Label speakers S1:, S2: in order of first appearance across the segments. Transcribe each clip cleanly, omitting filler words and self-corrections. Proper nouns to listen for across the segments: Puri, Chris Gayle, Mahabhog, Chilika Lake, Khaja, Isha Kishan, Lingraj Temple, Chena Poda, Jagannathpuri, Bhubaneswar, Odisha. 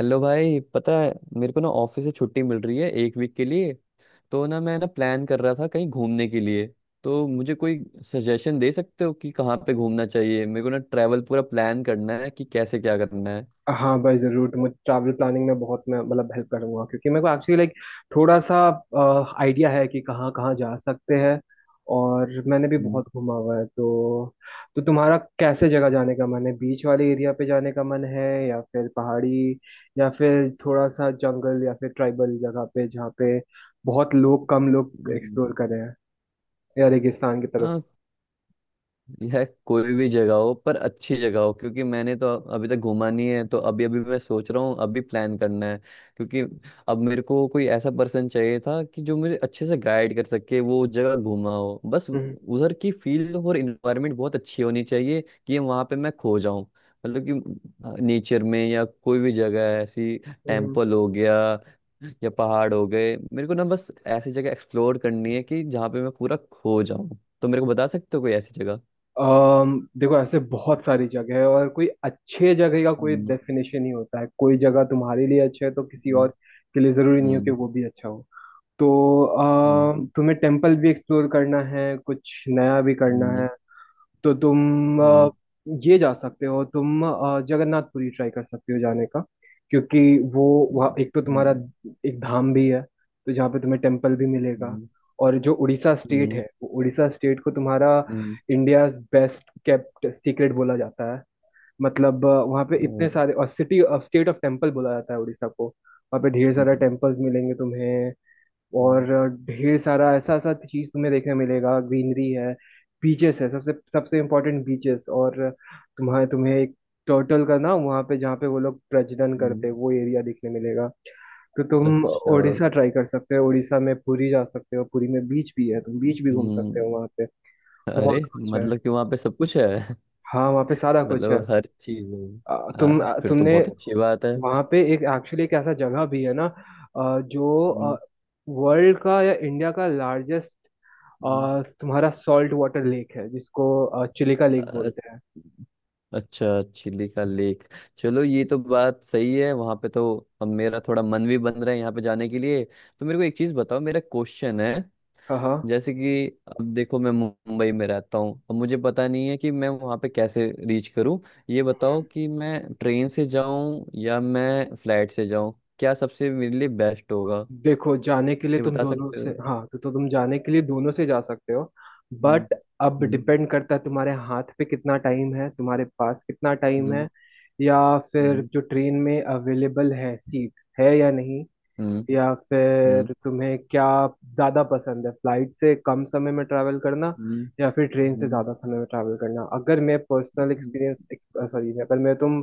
S1: Hello भाई, पता है मेरे को ना ऑफिस से छुट्टी मिल रही है 1 वीक के लिए। तो ना मैं ना प्लान कर रहा था कहीं घूमने के लिए। तो मुझे कोई सजेशन दे सकते हो कि कहाँ पे घूमना चाहिए। मेरे को ना ट्रैवल पूरा प्लान करना है कि कैसे क्या करना है।
S2: हाँ भाई जरूर। तो मुझे ट्रैवल प्लानिंग में बहुत मैं मतलब हेल्प करूंगा, क्योंकि मेरे को एक्चुअली लाइक थोड़ा सा आइडिया है कि कहाँ कहाँ जा सकते हैं और मैंने भी
S1: हम्म।
S2: बहुत घूमा हुआ है। तो तुम्हारा कैसे जगह जाने का मन है? बीच वाले एरिया पे जाने का मन है या फिर पहाड़ी या फिर थोड़ा सा जंगल या फिर ट्राइबल जगह पे जहाँ पे बहुत लोग कम लोग एक्सप्लोर कर रहे हैं, या रेगिस्तान की तरफ?
S1: हम्म। यह कोई भी जगह हो, पर अच्छी जगह हो, क्योंकि मैंने तो अभी तक घूमा नहीं है। तो अभी अभी मैं सोच रहा हूँ, अभी प्लान करना है। क्योंकि अब मेरे को कोई ऐसा पर्सन चाहिए था कि जो मुझे अच्छे से गाइड कर सके, वो जगह घूमा हो। बस
S2: हम्म।
S1: उधर की फील्ड और इन्वायरमेंट बहुत अच्छी होनी चाहिए कि वहां पे मैं खो जाऊं। मतलब कि नेचर में या कोई भी जगह है, ऐसी।
S2: हम्म।
S1: टेम्पल हो गया या पहाड़ हो गए, मेरे को ना बस ऐसी जगह एक्सप्लोर करनी है कि जहाँ पे मैं पूरा खो जाऊं। तो मेरे को बता सकते हो कोई ऐसी जगह?
S2: देखो, ऐसे बहुत सारी जगह है और कोई अच्छे जगह का कोई
S1: हम्म।
S2: डेफिनेशन नहीं होता है। कोई जगह तुम्हारे लिए अच्छा है तो किसी और
S1: हम्म।
S2: के लिए जरूरी नहीं हो कि
S1: हम्म।
S2: वो भी अच्छा हो। तो
S1: हम्म।
S2: तुम्हें टेम्पल भी एक्सप्लोर करना है, कुछ नया भी करना
S1: हम्म।
S2: है। तो तुम
S1: हम्म।
S2: ये जा सकते हो, तुम जगन्नाथपुरी ट्राई कर सकते हो जाने का। क्योंकि वो वहाँ एक तो तुम्हारा
S1: हम्म।
S2: एक धाम भी है, तो जहाँ पे तुम्हें टेम्पल भी मिलेगा।
S1: हम्म।
S2: और जो उड़ीसा स्टेट
S1: हम्म।
S2: है, वो उड़ीसा स्टेट को तुम्हारा
S1: हम्म।
S2: इंडियाज बेस्ट केप्ट सीक्रेट बोला जाता है। मतलब वहाँ पे इतने
S1: और।
S2: सारे, और city of state of temple बोला जाता है उड़ीसा को। वहाँ पे ढेर सारा
S1: हम्म।
S2: टेम्पल्स मिलेंगे तुम्हें, और
S1: हम्म।
S2: ढेर सारा ऐसा ऐसा चीज तुम्हें देखने मिलेगा। ग्रीनरी है, बीचेस है, सबसे सबसे इम्पोर्टेंट बीचेस। और तुम्हारे तुम्हें एक टर्टल का ना वहाँ पे जहाँ पे वो लोग प्रजनन करते
S1: हम्म।
S2: हैं, वो एरिया देखने मिलेगा। तो तुम
S1: अच्छा।
S2: उड़ीसा ट्राई कर सकते हो, उड़ीसा में पुरी जा सकते हो। पुरी में बीच भी है, तुम बीच भी घूम सकते
S1: हम्म।
S2: हो वहाँ पे।
S1: अरे,
S2: बहुत कुछ है।
S1: मतलब कि वहाँ पे सब कुछ है।
S2: हाँ, वहाँ पे सारा कुछ है।
S1: मतलब हर चीज है।
S2: तुम
S1: हाँ,
S2: अ,
S1: फिर तो
S2: तुमने
S1: बहुत अच्छी बात है।
S2: वहाँ पे एक एक्चुअली एक ऐसा जगह भी है ना, जो
S1: हम्म।
S2: वर्ल्ड का या इंडिया का लार्जेस्ट
S1: हम्म।
S2: और तुम्हारा सॉल्ट वाटर लेक है, जिसको चिलिका लेक
S1: अ-
S2: बोलते हैं।
S1: अच्छा, चिली का लेक। चलो, ये तो बात सही है, वहाँ पे तो अब मेरा थोड़ा मन भी बन रहा है यहाँ पे जाने के लिए। तो मेरे को एक चीज़ बताओ, मेरा क्वेश्चन है।
S2: हाँ हाँ।
S1: जैसे कि अब देखो, मैं मुंबई में रहता हूँ, अब मुझे पता नहीं है कि मैं वहाँ पे कैसे रीच करूँ। ये बताओ कि मैं ट्रेन से जाऊँ या मैं फ्लाइट से जाऊँ, क्या सबसे मेरे लिए बेस्ट होगा?
S2: देखो, जाने के लिए
S1: ये
S2: तुम
S1: बता
S2: दोनों
S1: सकते
S2: से,
S1: हो?
S2: हाँ, तो तुम जाने के लिए दोनों से जा सकते हो।
S1: हम्म।
S2: बट अब
S1: हम्म।
S2: डिपेंड करता है तुम्हारे हाथ पे कितना टाइम है, तुम्हारे पास कितना टाइम है,
S1: हम्म।
S2: या फिर
S1: हम्म।
S2: जो ट्रेन में अवेलेबल है सीट है या नहीं,
S1: हम्म।
S2: या
S1: हम्म।
S2: फिर तुम्हें क्या ज्यादा पसंद है। फ्लाइट से कम समय में ट्रैवल करना
S1: हम्म।
S2: या फिर ट्रेन से
S1: हम्म।
S2: ज्यादा समय में ट्रैवल करना। अगर मैं पर्सनल
S1: हम्म।
S2: एक्सपीरियंस, सॉरी, अगर मैं तुम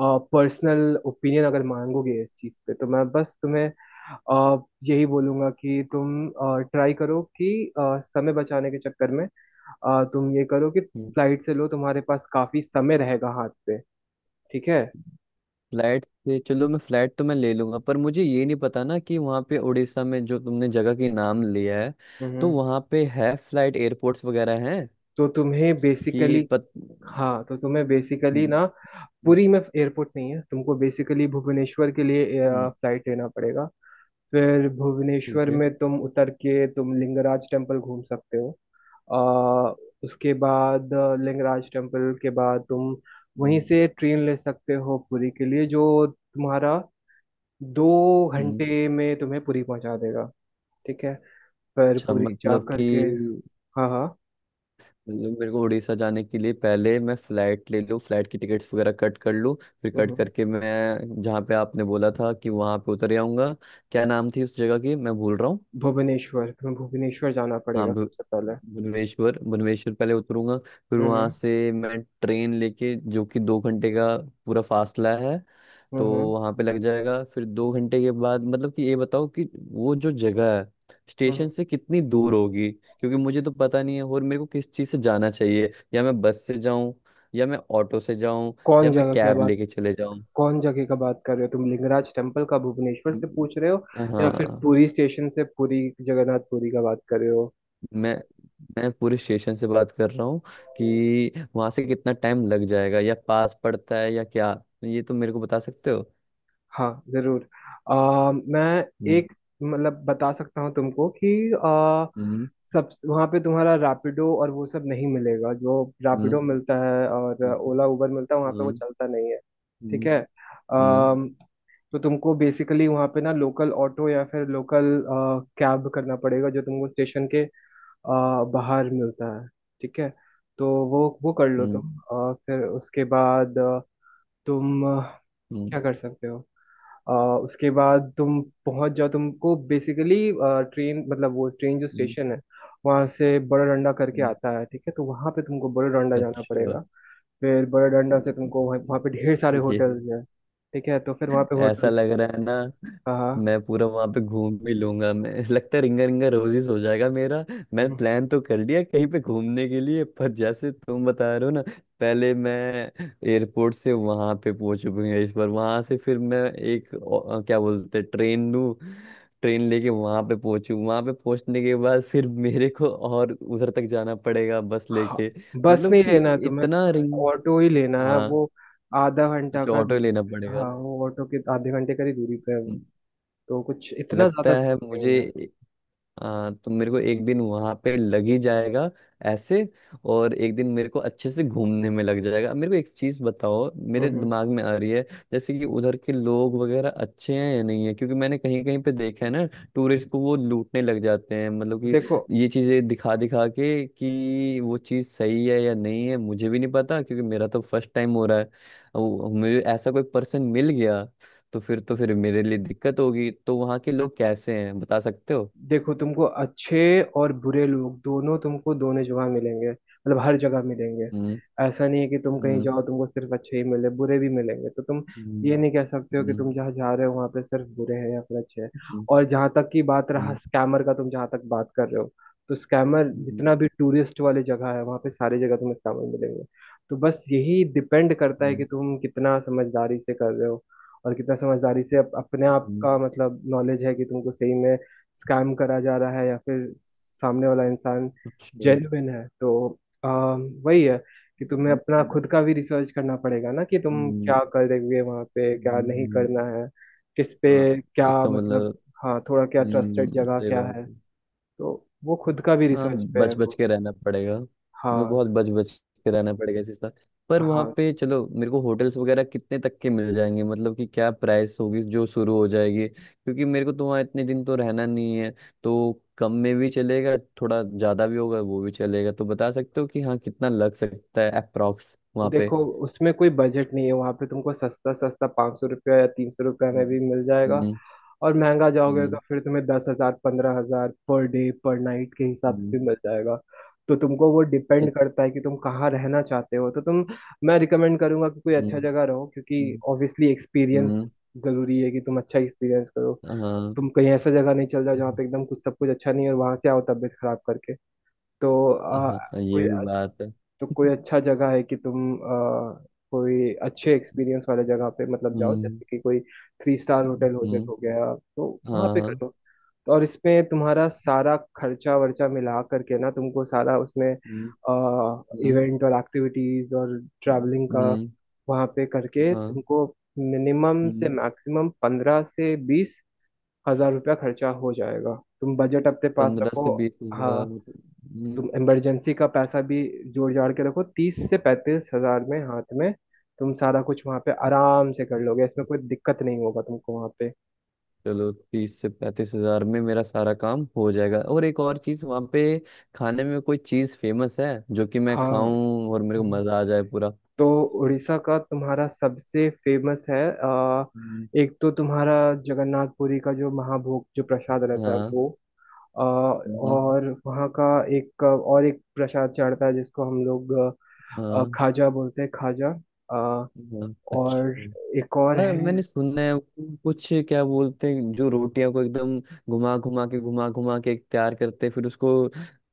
S2: पर्सनल ओपिनियन अगर मांगोगे इस चीज पे, तो मैं बस तुम्हें अ, यही बोलूंगा कि तुम ट्राई करो कि समय बचाने के चक्कर में तुम ये करो कि
S1: हम्म।
S2: फ्लाइट से लो, तुम्हारे पास काफी समय रहेगा हाथ पे। ठीक है।
S1: फ्लाइट से चलो, मैं फ्लाइट तो मैं ले लूंगा, पर मुझे ये नहीं पता ना कि वहाँ पे उड़ीसा में जो तुमने जगह की नाम लिया है, तो
S2: हम्म।
S1: वहाँ पे है फ्लाइट एयरपोर्ट्स वगैरह हैं
S2: तो तुम्हें
S1: कि
S2: बेसिकली
S1: पत।
S2: हाँ, तो तुम्हें बेसिकली
S1: हम्म।
S2: ना पुरी में एयरपोर्ट नहीं है। तुमको बेसिकली भुवनेश्वर के लिए
S1: हम्म।
S2: फ्लाइट लेना पड़ेगा। फिर
S1: ठीक
S2: भुवनेश्वर
S1: है।
S2: में तुम उतर के तुम लिंगराज टेम्पल घूम सकते हो। आ, उसके बाद लिंगराज टेम्पल के बाद तुम वहीं
S1: हम्म।
S2: से ट्रेन ले सकते हो पुरी के लिए, जो तुम्हारा दो
S1: हम्म।
S2: घंटे में तुम्हें पुरी पहुंचा देगा। ठीक है। फिर
S1: अच्छा,
S2: पुरी जा
S1: मतलब कि
S2: करके, हाँ हाँ।
S1: मतलब मेरे को उड़ीसा जाने के लिए पहले मैं फ्लाइट ले लूँ, फ्लाइट की टिकट्स वगैरह कट कर लूँ, फिर कट
S2: हम्म।
S1: करके मैं जहाँ पे आपने बोला था कि वहाँ पे उतर आऊँगा। क्या नाम थी उस जगह की, मैं भूल रहा हूँ।
S2: भुवनेश्वर, तुम्हें भुवनेश्वर जाना
S1: हाँ,
S2: पड़ेगा सबसे पहले।
S1: भुवनेश्वर भुवनेश्वर पहले उतरूंगा, फिर वहाँ
S2: हम्म
S1: से मैं ट्रेन लेके जो कि 2 घंटे का पूरा फासला है। तो
S2: हम्म
S1: वहां पे लग जाएगा। फिर 2 घंटे के बाद मतलब कि ये बताओ कि वो जो जगह है
S2: हम्म।
S1: स्टेशन से कितनी दूर होगी, क्योंकि मुझे तो पता नहीं है। और मेरे को किस चीज़ से जाना चाहिए, या मैं बस से जाऊं या मैं ऑटो से जाऊं
S2: कौन
S1: या मैं
S2: जगह क्या
S1: कैब
S2: बात
S1: लेके चले जाऊं?
S2: कौन जगह का बात कर रहे हो तुम? लिंगराज टेम्पल का भुवनेश्वर से
S1: हम्म।
S2: पूछ रहे हो या फिर
S1: हाँ।
S2: पुरी स्टेशन से, पुरी जगन्नाथ पुरी का बात कर रहे हो?
S1: मैं मैं पूरे स्टेशन से बात कर रहा हूँ कि वहां से कितना टाइम लग जाएगा, या पास पड़ता है या क्या, ये तो मेरे को बता सकते हो?
S2: हाँ जरूर। मैं
S1: हम्म।
S2: एक मतलब बता सकता हूँ तुमको कि
S1: हम्म।
S2: सब वहाँ पे तुम्हारा रैपिडो और वो सब नहीं मिलेगा। जो
S1: हम्म।
S2: रैपिडो मिलता है और
S1: ठीक है।
S2: ओला उबर मिलता है, वहाँ पे वो
S1: हम्म।
S2: चलता नहीं है। ठीक
S1: हम्म।
S2: है। आ,
S1: हम्म।
S2: तो तुमको बेसिकली वहाँ पे ना लोकल ऑटो या फिर लोकल कैब करना पड़ेगा, जो तुमको स्टेशन के अ, बाहर मिलता है। ठीक है। तो वो कर लो
S1: हम्म।
S2: तुम। फिर उसके बाद तुम
S1: हम्म।
S2: क्या कर सकते हो, अ, उसके बाद तुम पहुंच जाओ। तुमको बेसिकली ट्रेन, मतलब वो ट्रेन जो
S1: हम्म।
S2: स्टेशन है वहाँ से बड़ा डंडा करके
S1: हम्म।
S2: आता है, ठीक है, तो वहाँ पे तुमको बड़ा डंडा जाना
S1: अच्छा।
S2: पड़ेगा। फिर बड़ा डंडा से तुमको वहाँ वहाँ पे ढेर सारे
S1: ये
S2: होटल्स हैं। ठीक है, तो फिर वहाँ पे
S1: ऐसा
S2: होटल्स।
S1: लग रहा है ना,
S2: हाँ हाँ
S1: मैं पूरा वहां पे घूम भी लूंगा, मैं लगता है रिंगा रिंगा रोजिस हो जाएगा मेरा। मैंने प्लान तो कर लिया कहीं पे घूमने के लिए, पर जैसे तुम बता रहे हो ना, पहले मैं एयरपोर्ट से वहां पे पहुंच, भुवनेश्वर। वहां से फिर मैं एक क्या बोलते हैं, ट्रेन लूँ। ट्रेन लेके वहां पे पहुंचू, वहां पे पहुंचने के बाद फिर मेरे को और उधर तक जाना पड़ेगा बस
S2: हाँ।
S1: लेके?
S2: बस
S1: मतलब
S2: नहीं
S1: कि
S2: लेना है तुम्हें,
S1: इतना रिंग।
S2: ऑटो ही लेना है।
S1: हाँ,
S2: वो आधा घंटा
S1: अच्छा,
S2: का
S1: ऑटो
S2: दूर।
S1: लेना पड़ेगा।
S2: हाँ, वो ऑटो के आधे घंटे का ही दूरी पे है वो, तो कुछ इतना
S1: लगता
S2: ज्यादा
S1: है
S2: दूर नहीं
S1: मुझे
S2: है।
S1: ए- हाँ, तो मेरे को एक दिन वहां पे लग ही जाएगा ऐसे, और एक दिन मेरे को अच्छे से घूमने में लग जाएगा। मेरे को एक चीज बताओ,
S2: हम्म।
S1: मेरे
S2: हम्म।
S1: दिमाग में आ रही है। जैसे कि उधर के लोग वगैरह अच्छे हैं या नहीं है, क्योंकि मैंने कहीं कहीं पे देखा है ना टूरिस्ट को वो लूटने लग जाते हैं। मतलब कि
S2: देखो
S1: ये चीजें दिखा दिखा के, कि वो चीज सही है या नहीं है मुझे भी नहीं पता, क्योंकि मेरा तो फर्स्ट टाइम हो रहा है। मुझे ऐसा कोई पर्सन मिल गया तो फिर मेरे लिए दिक्कत होगी। तो वहाँ के लोग कैसे हैं, बता सकते हो?
S2: देखो, तुमको अच्छे और बुरे लोग दोनों, तुमको दोनों जगह मिलेंगे, मतलब हर जगह मिलेंगे।
S1: हम्म।
S2: ऐसा नहीं है कि तुम कहीं
S1: हम्म।
S2: जाओ तुमको सिर्फ अच्छे ही मिले, बुरे भी मिलेंगे। तो तुम
S1: हम्म।
S2: ये नहीं कह सकते हो कि
S1: हम्म।
S2: तुम जहाँ जा रहे हो वहाँ पे सिर्फ बुरे हैं या फिर अच्छे हैं।
S1: हम्म।
S2: और जहाँ तक की बात रहा
S1: हम्म।
S2: स्कैमर का, तुम जहाँ तक बात कर रहे हो, तो स्कैमर
S1: हम्म।
S2: जितना भी टूरिस्ट वाली जगह है, वहाँ पे सारी जगह तुम्हें स्कैमर मिलेंगे। तो बस यही डिपेंड करता है कि
S1: हम्म।
S2: तुम कितना समझदारी से कर रहे हो, और कितना समझदारी से अपने आप
S1: हम्म।
S2: का, मतलब नॉलेज है कि तुमको सही में स्कैम करा जा रहा है या फिर सामने वाला इंसान
S1: अच्छा।
S2: जेन्युइन है। तो वही है कि तुम्हें अपना
S1: हम्म।
S2: खुद का भी रिसर्च करना पड़ेगा ना, कि तुम
S1: हम्म।
S2: क्या करेंगे वहाँ पे, क्या नहीं
S1: हम्म।
S2: करना है, किस पे
S1: हाँ,
S2: क्या,
S1: इसका
S2: मतलब,
S1: मतलब।
S2: हाँ, थोड़ा क्या ट्रस्टेड जगह
S1: सही
S2: क्या
S1: बात
S2: है।
S1: है।
S2: तो वो खुद का भी
S1: हाँ,
S2: रिसर्च पे है
S1: बच बच
S2: वो।
S1: के रहना पड़ेगा मुझे,
S2: हाँ
S1: बहुत बच बच के रहना पड़ेगा इसी साथ। पर वहाँ
S2: हाँ।
S1: पे चलो, मेरे को होटल्स वगैरह कितने तक के मिल जाएंगे, मतलब कि क्या प्राइस होगी जो शुरू हो जाएगी, क्योंकि मेरे को तो वहाँ इतने दिन तो रहना नहीं है, तो कम में भी चलेगा, थोड़ा ज़्यादा भी होगा वो भी चलेगा। तो बता सकते हो कि हाँ कितना लग सकता है अप्रॉक्स वहाँ पे?
S2: देखो, उसमें कोई बजट नहीं है। वहाँ पे तुमको सस्ता सस्ता 500 रुपया या 300 रुपया में
S1: हम्म।
S2: भी मिल जाएगा,
S1: हम्म।
S2: और महंगा जाओगे तो
S1: हम्म।
S2: फिर तुम्हें 10 हजार, 15 हजार पर डे, पर नाइट के हिसाब से
S1: हम्म।
S2: भी मिल जाएगा। तो तुमको वो डिपेंड करता है कि तुम कहाँ रहना चाहते हो। तो तुम मैं रिकमेंड करूंगा कि कोई अच्छा
S1: हम्म।
S2: जगह रहो, क्योंकि
S1: हम्म।
S2: ऑब्वियसली एक्सपीरियंस
S1: हम्म।
S2: जरूरी है, कि तुम अच्छा एक्सपीरियंस करो।
S1: हाँ।
S2: तुम कहीं ऐसा जगह नहीं चल जाओ जहाँ पे एकदम कुछ, सब कुछ अच्छा नहीं है, और वहां से आओ तबीयत खराब करके। तो
S1: हाँ
S2: अ,
S1: हाँ, ये
S2: कोई
S1: भी बात है।
S2: तो कोई अच्छा जगह है, कि तुम कोई अच्छे एक्सपीरियंस वाले जगह पे, मतलब, जाओ।
S1: हम्म।
S2: जैसे कि कोई थ्री स्टार होटल
S1: हम्म।
S2: हो गया, तो वहाँ पे
S1: हाँ।
S2: करो तो। और इसमें तुम्हारा सारा खर्चा वर्चा मिला करके ना, तुमको सारा उसमें
S1: हम्म। हम्म।
S2: इवेंट और एक्टिविटीज और ट्रैवलिंग का
S1: हम्म।
S2: वहाँ पे करके,
S1: हाँ।
S2: तुमको मिनिमम से
S1: हम्म।
S2: मैक्सिमम 15 से 20 हजार रुपया खर्चा हो जाएगा। तुम बजट अपने पास
S1: पंद्रह
S2: रखो।
S1: से बीस
S2: हाँ,
S1: हजार हम्म।
S2: तुम इमरजेंसी का पैसा भी जोड़ जाड़ के रखो। 30 से 35 हजार में, हाथ में, तुम सारा कुछ वहां पे आराम से कर लोगे, इसमें कोई दिक्कत नहीं होगा तुमको वहां पे।
S1: चलो, 30 से 35 हजार में मेरा सारा काम हो जाएगा। और एक और चीज, वहाँ पे खाने में कोई चीज फेमस है जो कि मैं
S2: हाँ।
S1: खाऊं और मेरे को
S2: हम्म।
S1: मजा आ जाए पूरा?
S2: तो उड़ीसा का तुम्हारा सबसे फेमस है आ,
S1: हम्म।
S2: एक तो तुम्हारा जगन्नाथ पुरी का जो महाभोग, जो प्रसाद रहता है
S1: हाँ।
S2: वो।
S1: हम्म।
S2: और वहाँ का एक प्रसाद चढ़ता है जिसको हम लोग
S1: हाँ।
S2: खाजा बोलते हैं, खाजा। आ,
S1: हाँ, अच्छा।
S2: और एक और
S1: अरे,
S2: है।
S1: मैंने सुना है वो, कुछ क्या बोलते हैं, जो रोटियां को एकदम घुमा घुमा के तैयार करते हैं, फिर उसको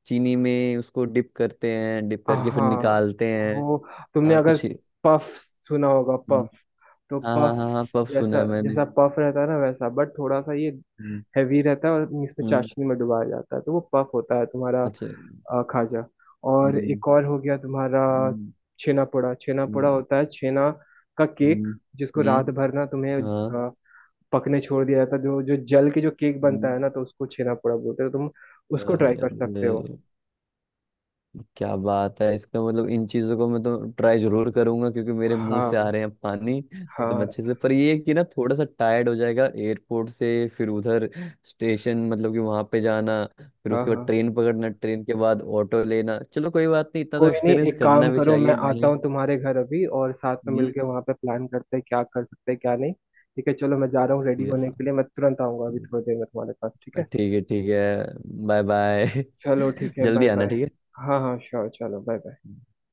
S1: चीनी में उसको डिप करते हैं, डिप करके फिर
S2: हाँ,
S1: निकालते हैं।
S2: वो तुमने
S1: हाँ,
S2: अगर
S1: कुछ।
S2: पफ सुना होगा,
S1: हम्म।
S2: पफ, तो
S1: हाँ हाँ
S2: पफ
S1: हाँ हाँ, पफ सुना है
S2: जैसा,
S1: मैंने।
S2: जैसा पफ रहता है ना वैसा, बट थोड़ा सा ये
S1: हम्म।
S2: हैवी रहता है और इसमें
S1: हम्म।
S2: चाशनी में डुबाया जाता है। तो वो पफ होता है तुम्हारा,
S1: अच्छा।
S2: खाजा। और
S1: हम्म।
S2: एक और हो गया तुम्हारा,
S1: हम्म।
S2: छेना पोड़ा। छेना पोड़ा
S1: हम्म।
S2: होता है छेना का केक,
S1: हम्म।
S2: जिसको
S1: हम्म।
S2: रात भर ना तुम्हें
S1: हाँ।
S2: पकने छोड़ दिया जाता है। जो जो जल के जो केक बनता
S1: हम्म।
S2: है ना, तो उसको छेना पोड़ा बोलते हो तुम। उसको ट्राई कर सकते
S1: अरे,
S2: हो।
S1: क्या बात है, इसका मतलब इन चीजों को मैं तो ट्राई जरूर करूंगा, क्योंकि मेरे मुंह से आ
S2: हाँ
S1: रहे हैं पानी एकदम
S2: हाँ
S1: अच्छे से। पर ये है कि ना, थोड़ा सा टायर्ड हो जाएगा, एयरपोर्ट से फिर उधर स्टेशन, मतलब कि वहां पे जाना, फिर
S2: हाँ
S1: उसके बाद
S2: हाँ,
S1: ट्रेन पकड़ना, ट्रेन के बाद ऑटो लेना। चलो, कोई बात नहीं, इतना तो
S2: कोई नहीं,
S1: एक्सपीरियंस
S2: एक काम
S1: करना भी
S2: करो, मैं
S1: चाहिए
S2: आता
S1: नहीं?
S2: हूँ तुम्हारे घर अभी, और साथ में
S1: हम्म।
S2: मिलके वहां पे प्लान करते हैं क्या कर सकते हैं क्या नहीं। ठीक है, चलो, मैं जा रहा हूँ रेडी होने
S1: या,
S2: के लिए। मैं तुरंत आऊंगा अभी थोड़ी देर में तुम्हारे पास। ठीक है,
S1: ठीक है, ठीक है। Bye bye.
S2: चलो ठीक है,
S1: जल्दी
S2: बाय
S1: आना,
S2: बाय।
S1: ठीक
S2: हाँ हाँ श्योर, चलो बाय बाय।
S1: है।